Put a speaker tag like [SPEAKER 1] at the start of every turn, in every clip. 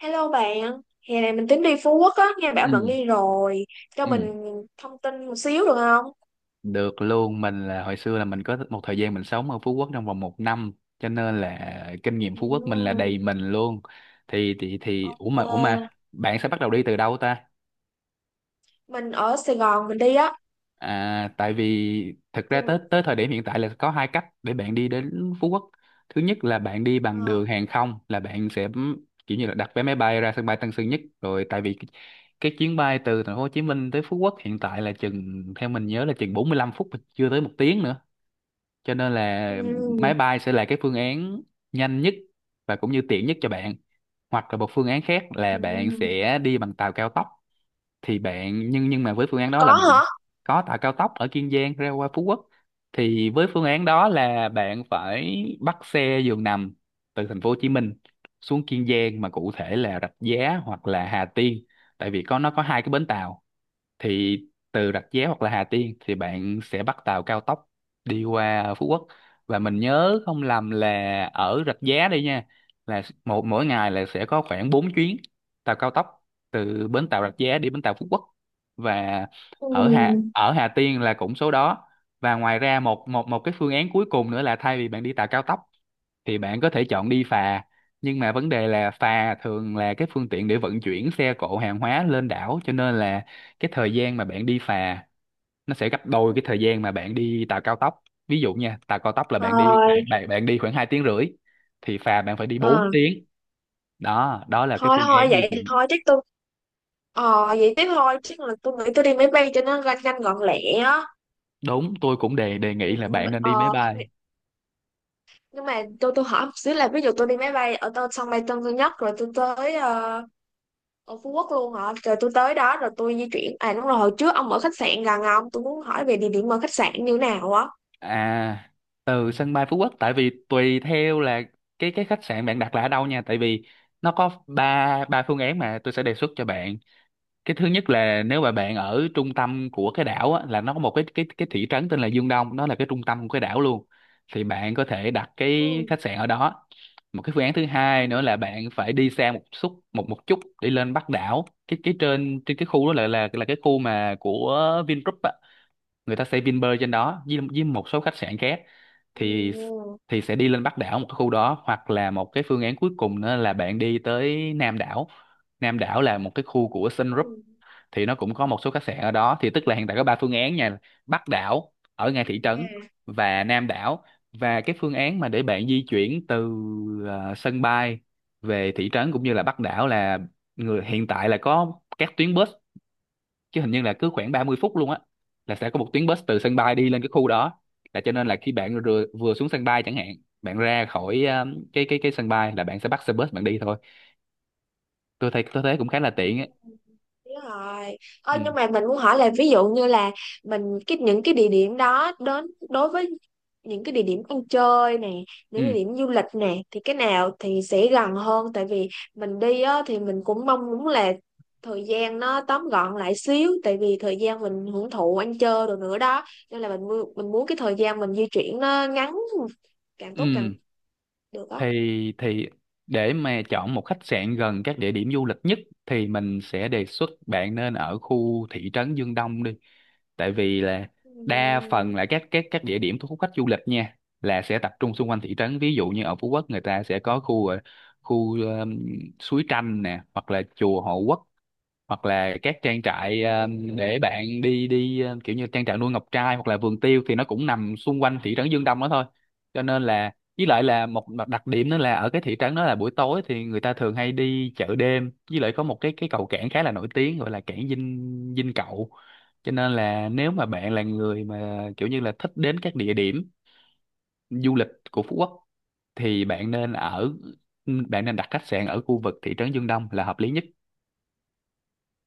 [SPEAKER 1] Hello bạn, hè này mình tính đi Phú Quốc á, nghe bảo
[SPEAKER 2] Ừ,
[SPEAKER 1] bạn đi rồi, cho
[SPEAKER 2] ừ,
[SPEAKER 1] mình thông tin một xíu được không?
[SPEAKER 2] được luôn. Mình là hồi xưa là mình có một thời gian mình sống ở Phú Quốc trong vòng một năm, cho nên là kinh nghiệm Phú Quốc mình là
[SPEAKER 1] Ừm,
[SPEAKER 2] đầy mình luôn. thì thì thì ủa mà ủa
[SPEAKER 1] ok.
[SPEAKER 2] mà bạn sẽ bắt đầu đi từ đâu ta?
[SPEAKER 1] Mình ở Sài Gòn mình đi á,
[SPEAKER 2] À, tại vì thực
[SPEAKER 1] thì
[SPEAKER 2] ra tới tới thời điểm hiện tại là có hai cách để bạn đi đến Phú Quốc. Thứ nhất là bạn đi bằng
[SPEAKER 1] ờ,
[SPEAKER 2] đường hàng không, là bạn sẽ kiểu như là đặt vé máy bay ra sân bay Tân Sơn Nhất rồi. Tại vì cái chuyến bay từ thành phố Hồ Chí Minh tới Phú Quốc hiện tại là chừng, theo mình nhớ là chừng 45 phút, chưa tới một tiếng nữa. Cho nên là máy
[SPEAKER 1] ừm,
[SPEAKER 2] bay sẽ là cái phương án nhanh nhất và cũng như tiện nhất cho bạn. Hoặc là một phương án khác là bạn
[SPEAKER 1] ừm.
[SPEAKER 2] sẽ đi bằng tàu cao tốc. Thì bạn nhưng nhưng mà với phương án đó là
[SPEAKER 1] có
[SPEAKER 2] bạn
[SPEAKER 1] hả?
[SPEAKER 2] có tàu cao tốc ở Kiên Giang ra qua Phú Quốc. Thì với phương án đó là bạn phải bắt xe giường nằm từ thành phố Hồ Chí Minh xuống Kiên Giang, mà cụ thể là Rạch Giá hoặc là Hà Tiên, tại vì nó có hai cái bến tàu. Thì từ Rạch Giá hoặc là Hà Tiên thì bạn sẽ bắt tàu cao tốc đi qua Phú Quốc. Và mình nhớ không lầm là ở Rạch Giá đây nha, là một mỗi ngày là sẽ có khoảng 4 chuyến tàu cao tốc từ bến tàu Rạch Giá đi bến tàu Phú Quốc. Và ở Hà
[SPEAKER 1] Ừm.
[SPEAKER 2] ở Hà Tiên là cũng số đó. Và ngoài ra một một một cái phương án cuối cùng nữa là thay vì bạn đi tàu cao tốc thì bạn có thể chọn đi phà. Nhưng mà vấn đề là phà thường là cái phương tiện để vận chuyển xe cộ hàng hóa lên đảo, cho nên là cái thời gian mà bạn đi phà nó sẽ gấp đôi cái thời gian mà bạn đi tàu cao tốc. Ví dụ nha, tàu cao tốc là bạn đi
[SPEAKER 1] Rồi.
[SPEAKER 2] bạn bạn, bạn đi khoảng 2 tiếng rưỡi, thì phà bạn phải đi 4
[SPEAKER 1] ờ,
[SPEAKER 2] tiếng. Đó đó là cái
[SPEAKER 1] thôi
[SPEAKER 2] phương
[SPEAKER 1] thôi
[SPEAKER 2] án di
[SPEAKER 1] vậy
[SPEAKER 2] chuyển.
[SPEAKER 1] thôi chứ tôi, vậy tiếp thôi, chứ là tôi nghĩ tôi đi máy bay cho nó nhanh nhanh gọn lẹ á.
[SPEAKER 2] Đúng, tôi cũng đề đề
[SPEAKER 1] Thì,
[SPEAKER 2] nghị là bạn nên đi máy
[SPEAKER 1] ờ,
[SPEAKER 2] bay.
[SPEAKER 1] nhưng mà tôi hỏi một xíu là ví dụ tôi đi máy bay ở tôi sân bay Tân Sơn Nhất rồi tôi tới ở Phú Quốc luôn hả, rồi tôi tới đó rồi tôi di chuyển, à đúng rồi, hồi trước ông ở khách sạn gần, ông tôi muốn hỏi về địa điểm ở khách sạn như thế nào á.
[SPEAKER 2] À, từ sân bay Phú Quốc, tại vì tùy theo là cái khách sạn bạn đặt là ở đâu nha. Tại vì nó có ba ba phương án mà tôi sẽ đề xuất cho bạn. Cái thứ nhất là nếu mà bạn ở trung tâm của cái đảo á, là nó có một cái thị trấn tên là Dương Đông, nó là cái trung tâm của cái đảo luôn. Thì bạn có thể đặt cái
[SPEAKER 1] Ừ.
[SPEAKER 2] khách sạn ở đó. Một cái phương án thứ hai nữa là bạn phải đi xa một chút để lên Bắc đảo. Cái trên trên cái khu đó là cái khu mà của Vingroup á, người ta xây Vinpearl trên đó với một số khách sạn khác.
[SPEAKER 1] Ừ.
[SPEAKER 2] Thì thì sẽ đi lên Bắc đảo một cái khu đó. Hoặc là một cái phương án cuối cùng nữa là bạn đi tới Nam đảo. Nam đảo là một cái khu của Sun Group,
[SPEAKER 1] Ừ.
[SPEAKER 2] thì nó cũng có một số khách sạn ở đó. Thì tức
[SPEAKER 1] Ừ.
[SPEAKER 2] là hiện tại có ba phương án nha: Bắc đảo, ở ngay thị trấn, và Nam đảo. Và cái phương án mà để bạn di chuyển từ sân bay về thị trấn cũng như là Bắc đảo là người hiện tại là có các tuyến bus, chứ hình như là cứ khoảng 30 phút luôn á là sẽ có một tuyến bus từ sân bay đi lên cái khu đó. Là cho nên là khi bạn vừa xuống sân bay chẳng hạn, bạn ra khỏi cái sân bay là bạn sẽ bắt xe bus bạn đi thôi. Tôi thấy cũng khá là
[SPEAKER 1] Ừ.
[SPEAKER 2] tiện á.
[SPEAKER 1] Đúng rồi.
[SPEAKER 2] Ừ,
[SPEAKER 1] Nhưng mà mình muốn hỏi là ví dụ như là mình cái những cái địa điểm đó đến đối với những cái địa điểm ăn chơi nè, những địa
[SPEAKER 2] ừ,
[SPEAKER 1] điểm du lịch nè thì cái nào thì sẽ gần hơn, tại vì mình đi á, thì mình cũng mong muốn là thời gian nó tóm gọn lại xíu, tại vì thời gian mình hưởng thụ ăn chơi rồi nữa đó, nên là mình muốn cái thời gian mình di chuyển nó ngắn càng tốt càng
[SPEAKER 2] ừ,
[SPEAKER 1] được đó.
[SPEAKER 2] thì để mà chọn một khách sạn gần các địa điểm du lịch nhất thì mình sẽ đề xuất bạn nên ở khu thị trấn Dương Đông đi, tại vì là đa phần
[SPEAKER 1] Ừm.
[SPEAKER 2] là các địa điểm thu hút khách du lịch nha là sẽ tập trung xung quanh thị trấn. Ví dụ như ở Phú Quốc người ta sẽ có khu suối Tranh nè, hoặc là chùa Hộ Quốc, hoặc là các trang trại để bạn đi đi ờ, kiểu như trang trại nuôi ngọc trai hoặc là vườn tiêu, thì nó cũng nằm xung quanh thị trấn Dương Đông đó thôi. Cho nên là với lại là một mặt đặc điểm nữa là ở cái thị trấn đó là buổi tối thì người ta thường hay đi chợ đêm. Với lại có một cái cầu cảng khá là nổi tiếng gọi là cảng Dinh Dinh Cậu Cho nên là nếu mà bạn là người mà kiểu như là thích đến các địa điểm du lịch của Phú Quốc thì bạn nên đặt khách sạn ở khu vực thị trấn Dương Đông là hợp lý nhất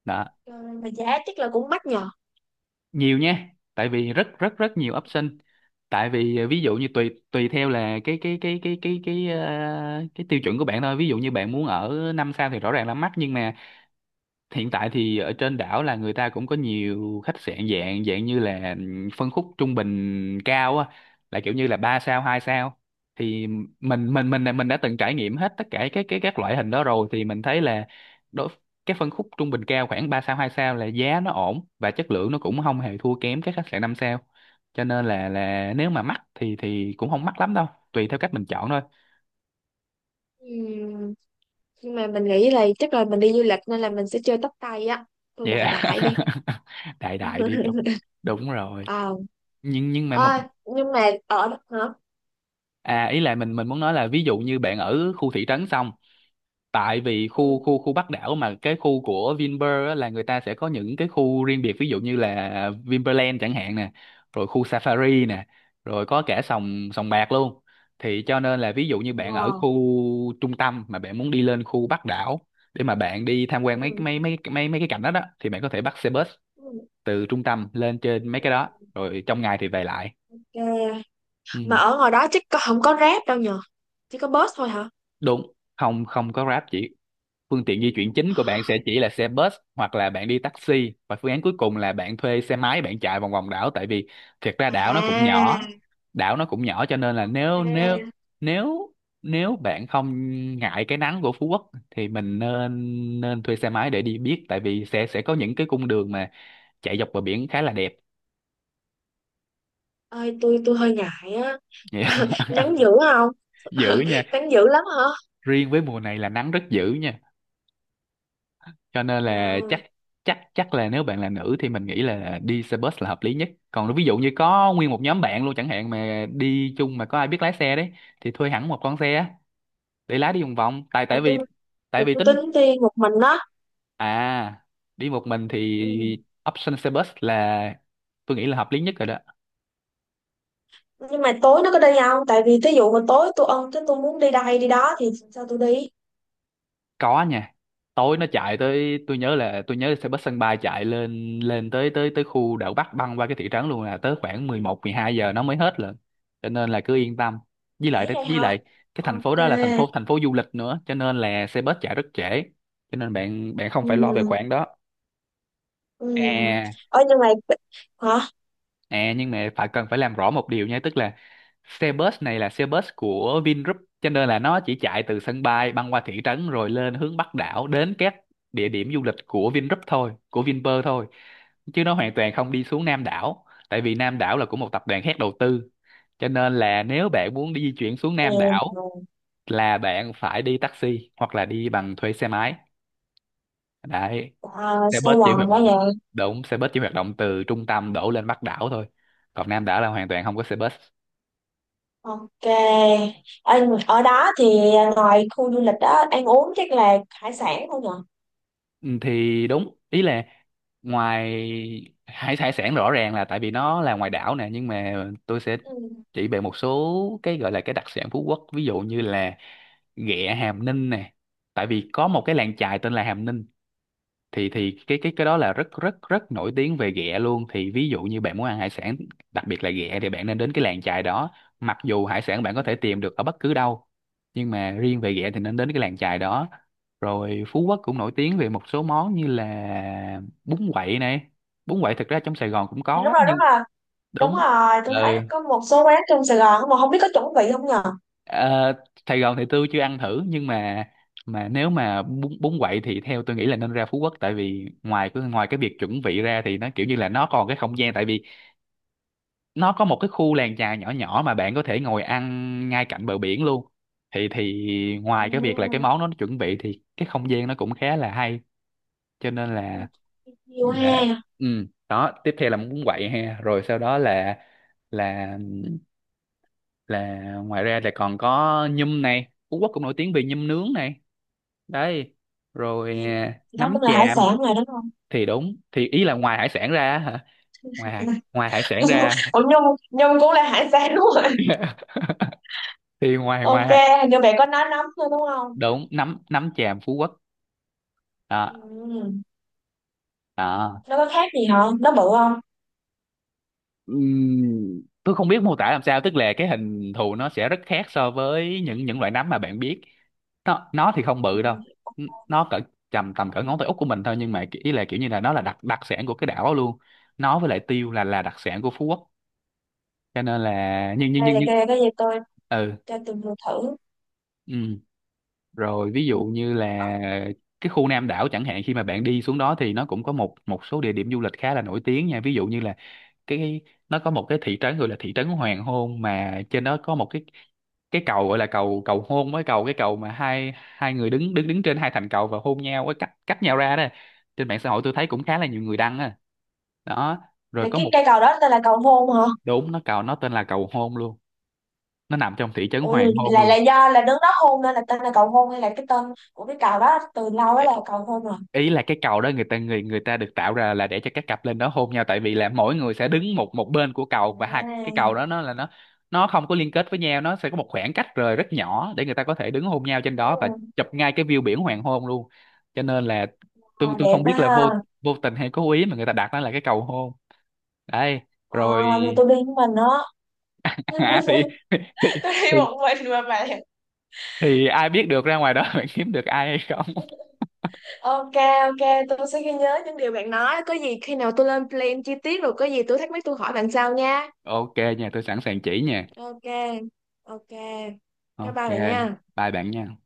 [SPEAKER 2] đó.
[SPEAKER 1] Mà giá chắc là cũng mắc nhờ.
[SPEAKER 2] Nhiều nha, tại vì rất rất rất nhiều option. Tại vì ờ, ví dụ như tùy tùy theo là cái tiêu chuẩn của bạn thôi. Ví dụ như bạn muốn ở năm sao thì rõ ràng là mắc. Nhưng mà hiện tại thì ở trên đảo là người ta cũng có nhiều khách sạn dạng dạng như là phân khúc trung bình cao á, là kiểu như là ba sao hai sao. Thì mình đã từng trải nghiệm hết tất cả các loại hình đó rồi, thì mình thấy là đối cái phân khúc trung bình cao khoảng 3 sao 2 sao là giá nó ổn và chất lượng nó cũng không hề thua kém các khách sạn 5 sao. Cho nên là nếu mà mắc thì cũng không mắc lắm đâu, tùy theo cách mình chọn thôi.
[SPEAKER 1] Ừm. Nhưng mà mình nghĩ là chắc là mình đi du lịch nên là mình sẽ chơi tóc tay á, tôi đại đại đi
[SPEAKER 2] Yeah. Đại đại đi, đúng, đúng rồi.
[SPEAKER 1] ờ
[SPEAKER 2] Nhưng mà một.
[SPEAKER 1] ơi nhưng mà ở đó hả.
[SPEAKER 2] À, ý là mình muốn nói là ví dụ như bạn ở khu thị trấn xong, tại vì
[SPEAKER 1] Ừ.
[SPEAKER 2] khu khu khu Bắc đảo mà cái khu của Vinpearl á, là người ta sẽ có những cái khu riêng biệt, ví dụ như là Vinpearland chẳng hạn nè, rồi khu Safari nè, rồi có cả sòng sòng bạc luôn. Thì cho nên là ví dụ như bạn ở
[SPEAKER 1] Wow.
[SPEAKER 2] khu trung tâm mà bạn muốn đi lên khu Bắc đảo để mà bạn đi tham quan mấy
[SPEAKER 1] Ừ.
[SPEAKER 2] mấy mấy mấy mấy cái cảnh đó đó thì bạn có thể bắt xe bus
[SPEAKER 1] Ừ.
[SPEAKER 2] từ trung tâm lên trên mấy
[SPEAKER 1] Ừ.
[SPEAKER 2] cái đó, rồi trong ngày thì về lại.
[SPEAKER 1] Ok.
[SPEAKER 2] Ừ,
[SPEAKER 1] Mà ở ngoài đó chắc không có rap đâu nhờ, chỉ có bus thôi hả.
[SPEAKER 2] đúng, không, không có Grab chỉ. Phương tiện di chuyển chính của bạn sẽ chỉ là xe bus hoặc là bạn đi taxi, và phương án cuối cùng là bạn thuê xe máy bạn chạy vòng vòng đảo, tại vì thiệt ra đảo nó cũng nhỏ.
[SPEAKER 1] À,
[SPEAKER 2] Cho nên là nếu nếu
[SPEAKER 1] ok.
[SPEAKER 2] nếu nếu bạn không ngại cái nắng của Phú Quốc thì mình nên nên thuê xe máy để đi biết, tại vì sẽ có những cái cung đường mà chạy dọc bờ biển khá là đẹp.
[SPEAKER 1] Ơi tôi hơi ngại á. Nắng dữ không?
[SPEAKER 2] Dữ nha.
[SPEAKER 1] Nắng dữ lắm hả?
[SPEAKER 2] Riêng với mùa này là nắng rất dữ nha, cho nên là
[SPEAKER 1] Wow.
[SPEAKER 2] chắc chắc chắc là nếu bạn là nữ thì mình nghĩ là đi xe bus là hợp lý nhất. Còn ví dụ như có nguyên một nhóm bạn luôn chẳng hạn mà đi chung mà có ai biết lái xe đấy, thì thuê hẳn một con xe á, để lái đi vòng vòng, tại
[SPEAKER 1] là tôi
[SPEAKER 2] tại
[SPEAKER 1] là
[SPEAKER 2] vì
[SPEAKER 1] tôi
[SPEAKER 2] tính.
[SPEAKER 1] tính đi một mình đó.
[SPEAKER 2] À, đi một mình thì
[SPEAKER 1] Ừ.
[SPEAKER 2] option xe bus là tôi nghĩ là hợp lý nhất rồi đó.
[SPEAKER 1] Nhưng mà tối nó có đi không, tại vì thí dụ mà tối tôi ân cái tôi muốn đi đây đi đó thì sao tôi đi?
[SPEAKER 2] Có nha, tối nó chạy tới. Tôi nhớ xe bus sân bay chạy lên lên tới tới tới khu đảo Bắc băng qua cái thị trấn luôn, là tới khoảng mười một, mười hai giờ nó mới hết lận. Cho nên là cứ yên tâm. với
[SPEAKER 1] Dễ
[SPEAKER 2] lại
[SPEAKER 1] vậy
[SPEAKER 2] với
[SPEAKER 1] hả?
[SPEAKER 2] lại cái thành phố
[SPEAKER 1] Ok.
[SPEAKER 2] đó là thành phố du lịch nữa, cho nên là xe bus chạy rất trễ. Cho nên bạn bạn không
[SPEAKER 1] Ừ.
[SPEAKER 2] phải lo về khoản đó.
[SPEAKER 1] Ừ.
[SPEAKER 2] À.
[SPEAKER 1] Ở nhưng mà, hả?
[SPEAKER 2] À, nhưng mà phải cần phải làm rõ một điều nha, tức là xe bus này là xe bus của Vingroup, cho nên là nó chỉ chạy từ sân bay băng qua thị trấn rồi lên hướng Bắc đảo đến các địa điểm du lịch của Vingroup thôi, của Vinpearl thôi. Chứ nó hoàn toàn không đi xuống Nam đảo, tại vì Nam đảo là của một tập đoàn khác đầu tư. Cho nên là nếu bạn muốn đi di chuyển xuống Nam
[SPEAKER 1] Ừ.
[SPEAKER 2] đảo là bạn phải đi taxi hoặc là đi bằng thuê xe máy. Đấy,
[SPEAKER 1] À,
[SPEAKER 2] xe bus
[SPEAKER 1] sao
[SPEAKER 2] chỉ hoạt
[SPEAKER 1] quần quá
[SPEAKER 2] động,
[SPEAKER 1] vậy.
[SPEAKER 2] đúng, xe bus chỉ hoạt động từ trung tâm đổ lên Bắc đảo thôi, còn Nam đảo là hoàn toàn không có xe bus.
[SPEAKER 1] Ok. Ở, ở đó thì ngoài khu du lịch đó ăn uống chắc là hải sản không nhỉ?
[SPEAKER 2] Ừ, thì đúng, ý là ngoài hải hải sản rõ ràng là tại vì nó là ngoài đảo nè, nhưng mà tôi sẽ
[SPEAKER 1] Ừ.
[SPEAKER 2] chỉ về một số cái gọi là cái đặc sản Phú Quốc, ví dụ như là ghẹ Hàm Ninh nè, tại vì có một cái làng chài tên là Hàm Ninh. Thì cái đó là rất rất rất nổi tiếng về ghẹ luôn. Thì ví dụ như bạn muốn ăn hải sản, đặc biệt là ghẹ, thì bạn nên đến cái làng chài đó, mặc dù hải sản bạn có thể tìm được ở bất cứ đâu, nhưng mà riêng về ghẹ thì nên đến cái làng chài đó. Rồi Phú Quốc cũng nổi tiếng về một số món như là bún quậy này, bún quậy thực ra trong Sài Gòn cũng
[SPEAKER 1] À, đúng
[SPEAKER 2] có
[SPEAKER 1] rồi, đúng
[SPEAKER 2] nhưng
[SPEAKER 1] rồi, đúng
[SPEAKER 2] đúng.
[SPEAKER 1] rồi, tôi
[SPEAKER 2] Ừ.
[SPEAKER 1] thấy có một số quán trong Sài Gòn mà không biết có chuẩn bị không nhờ.
[SPEAKER 2] Ờ, Sài Gòn thì tôi chưa ăn thử, nhưng mà nếu mà bún bún quậy thì theo tôi nghĩ là nên ra Phú Quốc, tại vì ngoài cái việc chuẩn bị ra thì nó kiểu như là nó còn cái không gian, tại vì nó có một cái khu làng chài nhỏ nhỏ mà bạn có thể ngồi ăn ngay cạnh bờ biển luôn. Thì ngoài cái việc là cái
[SPEAKER 1] Ừ.
[SPEAKER 2] món nó chuẩn bị thì cái không gian nó cũng khá là hay, cho nên
[SPEAKER 1] Ừ. Nhiều
[SPEAKER 2] là
[SPEAKER 1] ha.
[SPEAKER 2] ừ đó. Tiếp theo là bún quậy ha, rồi sau đó là là ngoài ra là còn có nhum này, Phú Quốc cũng nổi tiếng về nhum nướng này. Đấy,
[SPEAKER 1] Thì
[SPEAKER 2] rồi à,
[SPEAKER 1] đó
[SPEAKER 2] nấm
[SPEAKER 1] cũng là hải
[SPEAKER 2] tràm.
[SPEAKER 1] sản rồi đúng không?
[SPEAKER 2] Thì đúng, thì ý là ngoài hải sản ra á hả, ngoài ngoài hải sản ra.
[SPEAKER 1] Ủa Nhung, Nhung cũng là hải sản đúng rồi.
[SPEAKER 2] Thì ngoài
[SPEAKER 1] Ok,
[SPEAKER 2] ngoài
[SPEAKER 1] hình như bạn có nói nấm thôi đúng không?
[SPEAKER 2] đúng nấm nấm tràm Phú Quốc. Đó.
[SPEAKER 1] Ừ.
[SPEAKER 2] Đó.
[SPEAKER 1] Nó có khác gì hả? Nó bự không?
[SPEAKER 2] Tôi không biết mô tả làm sao, tức là cái hình thù nó sẽ rất khác so với những loại nấm mà bạn biết. Nó thì không
[SPEAKER 1] Ừ.
[SPEAKER 2] bự đâu. Nó cỡ tầm tầm cỡ ngón tay út của mình thôi, nhưng mà ý là kiểu như là nó là đặc đặc sản của cái đảo đó luôn. Nó với lại tiêu là đặc sản của Phú Quốc, cho nên là
[SPEAKER 1] Ok,
[SPEAKER 2] nhưng nhưng nhưng
[SPEAKER 1] để
[SPEAKER 2] nhưng
[SPEAKER 1] cái gì tôi
[SPEAKER 2] ừ
[SPEAKER 1] cho tôi vừa thử.
[SPEAKER 2] ừ rồi, ví
[SPEAKER 1] Ừ.
[SPEAKER 2] dụ như là cái khu Nam đảo chẳng hạn, khi mà bạn đi xuống đó thì nó cũng có một một số địa điểm du lịch khá là nổi tiếng nha, ví dụ như là cái nó có một cái thị trấn gọi là thị trấn Hoàng Hôn, mà trên đó có một cái cầu gọi là cầu cầu hôn, với cầu cái cầu mà hai hai người đứng đứng đứng trên hai thành cầu và hôn nhau, với cách cách nhau ra đó. Trên mạng xã hội tôi thấy cũng khá là nhiều người đăng á. Đó, rồi
[SPEAKER 1] Là
[SPEAKER 2] có
[SPEAKER 1] cái
[SPEAKER 2] một
[SPEAKER 1] cây cầu đó tên là cầu hôn hả?
[SPEAKER 2] đúng nó cầu nó tên là cầu hôn luôn, nó nằm trong thị trấn
[SPEAKER 1] Ừ,
[SPEAKER 2] Hoàng Hôn
[SPEAKER 1] là
[SPEAKER 2] luôn.
[SPEAKER 1] do là đứng đó hôn nên là tên là cầu hôn, hay là cái tên của cái cầu đó từ lâu ấy là cầu hôn rồi.
[SPEAKER 2] Ý là cái cầu đó người ta người người ta được tạo ra là để cho các cặp lên đó hôn nhau, tại vì là mỗi người sẽ đứng một một bên của cầu, và hai cái cầu
[SPEAKER 1] À,
[SPEAKER 2] đó nó là nó không có liên kết với nhau, nó sẽ có một khoảng cách rời rất nhỏ để người ta có thể đứng hôn nhau trên
[SPEAKER 1] ừ.
[SPEAKER 2] đó và chụp ngay cái view biển hoàng hôn luôn. Cho nên là
[SPEAKER 1] À,
[SPEAKER 2] tôi
[SPEAKER 1] đẹp
[SPEAKER 2] không
[SPEAKER 1] quá
[SPEAKER 2] biết là
[SPEAKER 1] ha.
[SPEAKER 2] vô vô tình hay cố ý mà người ta đặt nó là cái cầu hôn. Đấy,
[SPEAKER 1] À,
[SPEAKER 2] rồi
[SPEAKER 1] mà tôi đi với mình đó. Tôi
[SPEAKER 2] à, thì
[SPEAKER 1] đi
[SPEAKER 2] thì
[SPEAKER 1] một mình mà bạn.
[SPEAKER 2] thì ai biết được, ra ngoài đó
[SPEAKER 1] Ừ.
[SPEAKER 2] bạn kiếm được ai hay không.
[SPEAKER 1] Ok, ok, tôi sẽ ghi nhớ những điều bạn nói. Có gì khi nào tôi lên plan chi tiết rồi có gì tôi thắc mắc tôi hỏi bạn sau nha.
[SPEAKER 2] Ok nha, tôi sẵn sàng chỉ nha.
[SPEAKER 1] Ok, ok. Bye bye
[SPEAKER 2] Ok,
[SPEAKER 1] bạn nha.
[SPEAKER 2] bye bạn nha.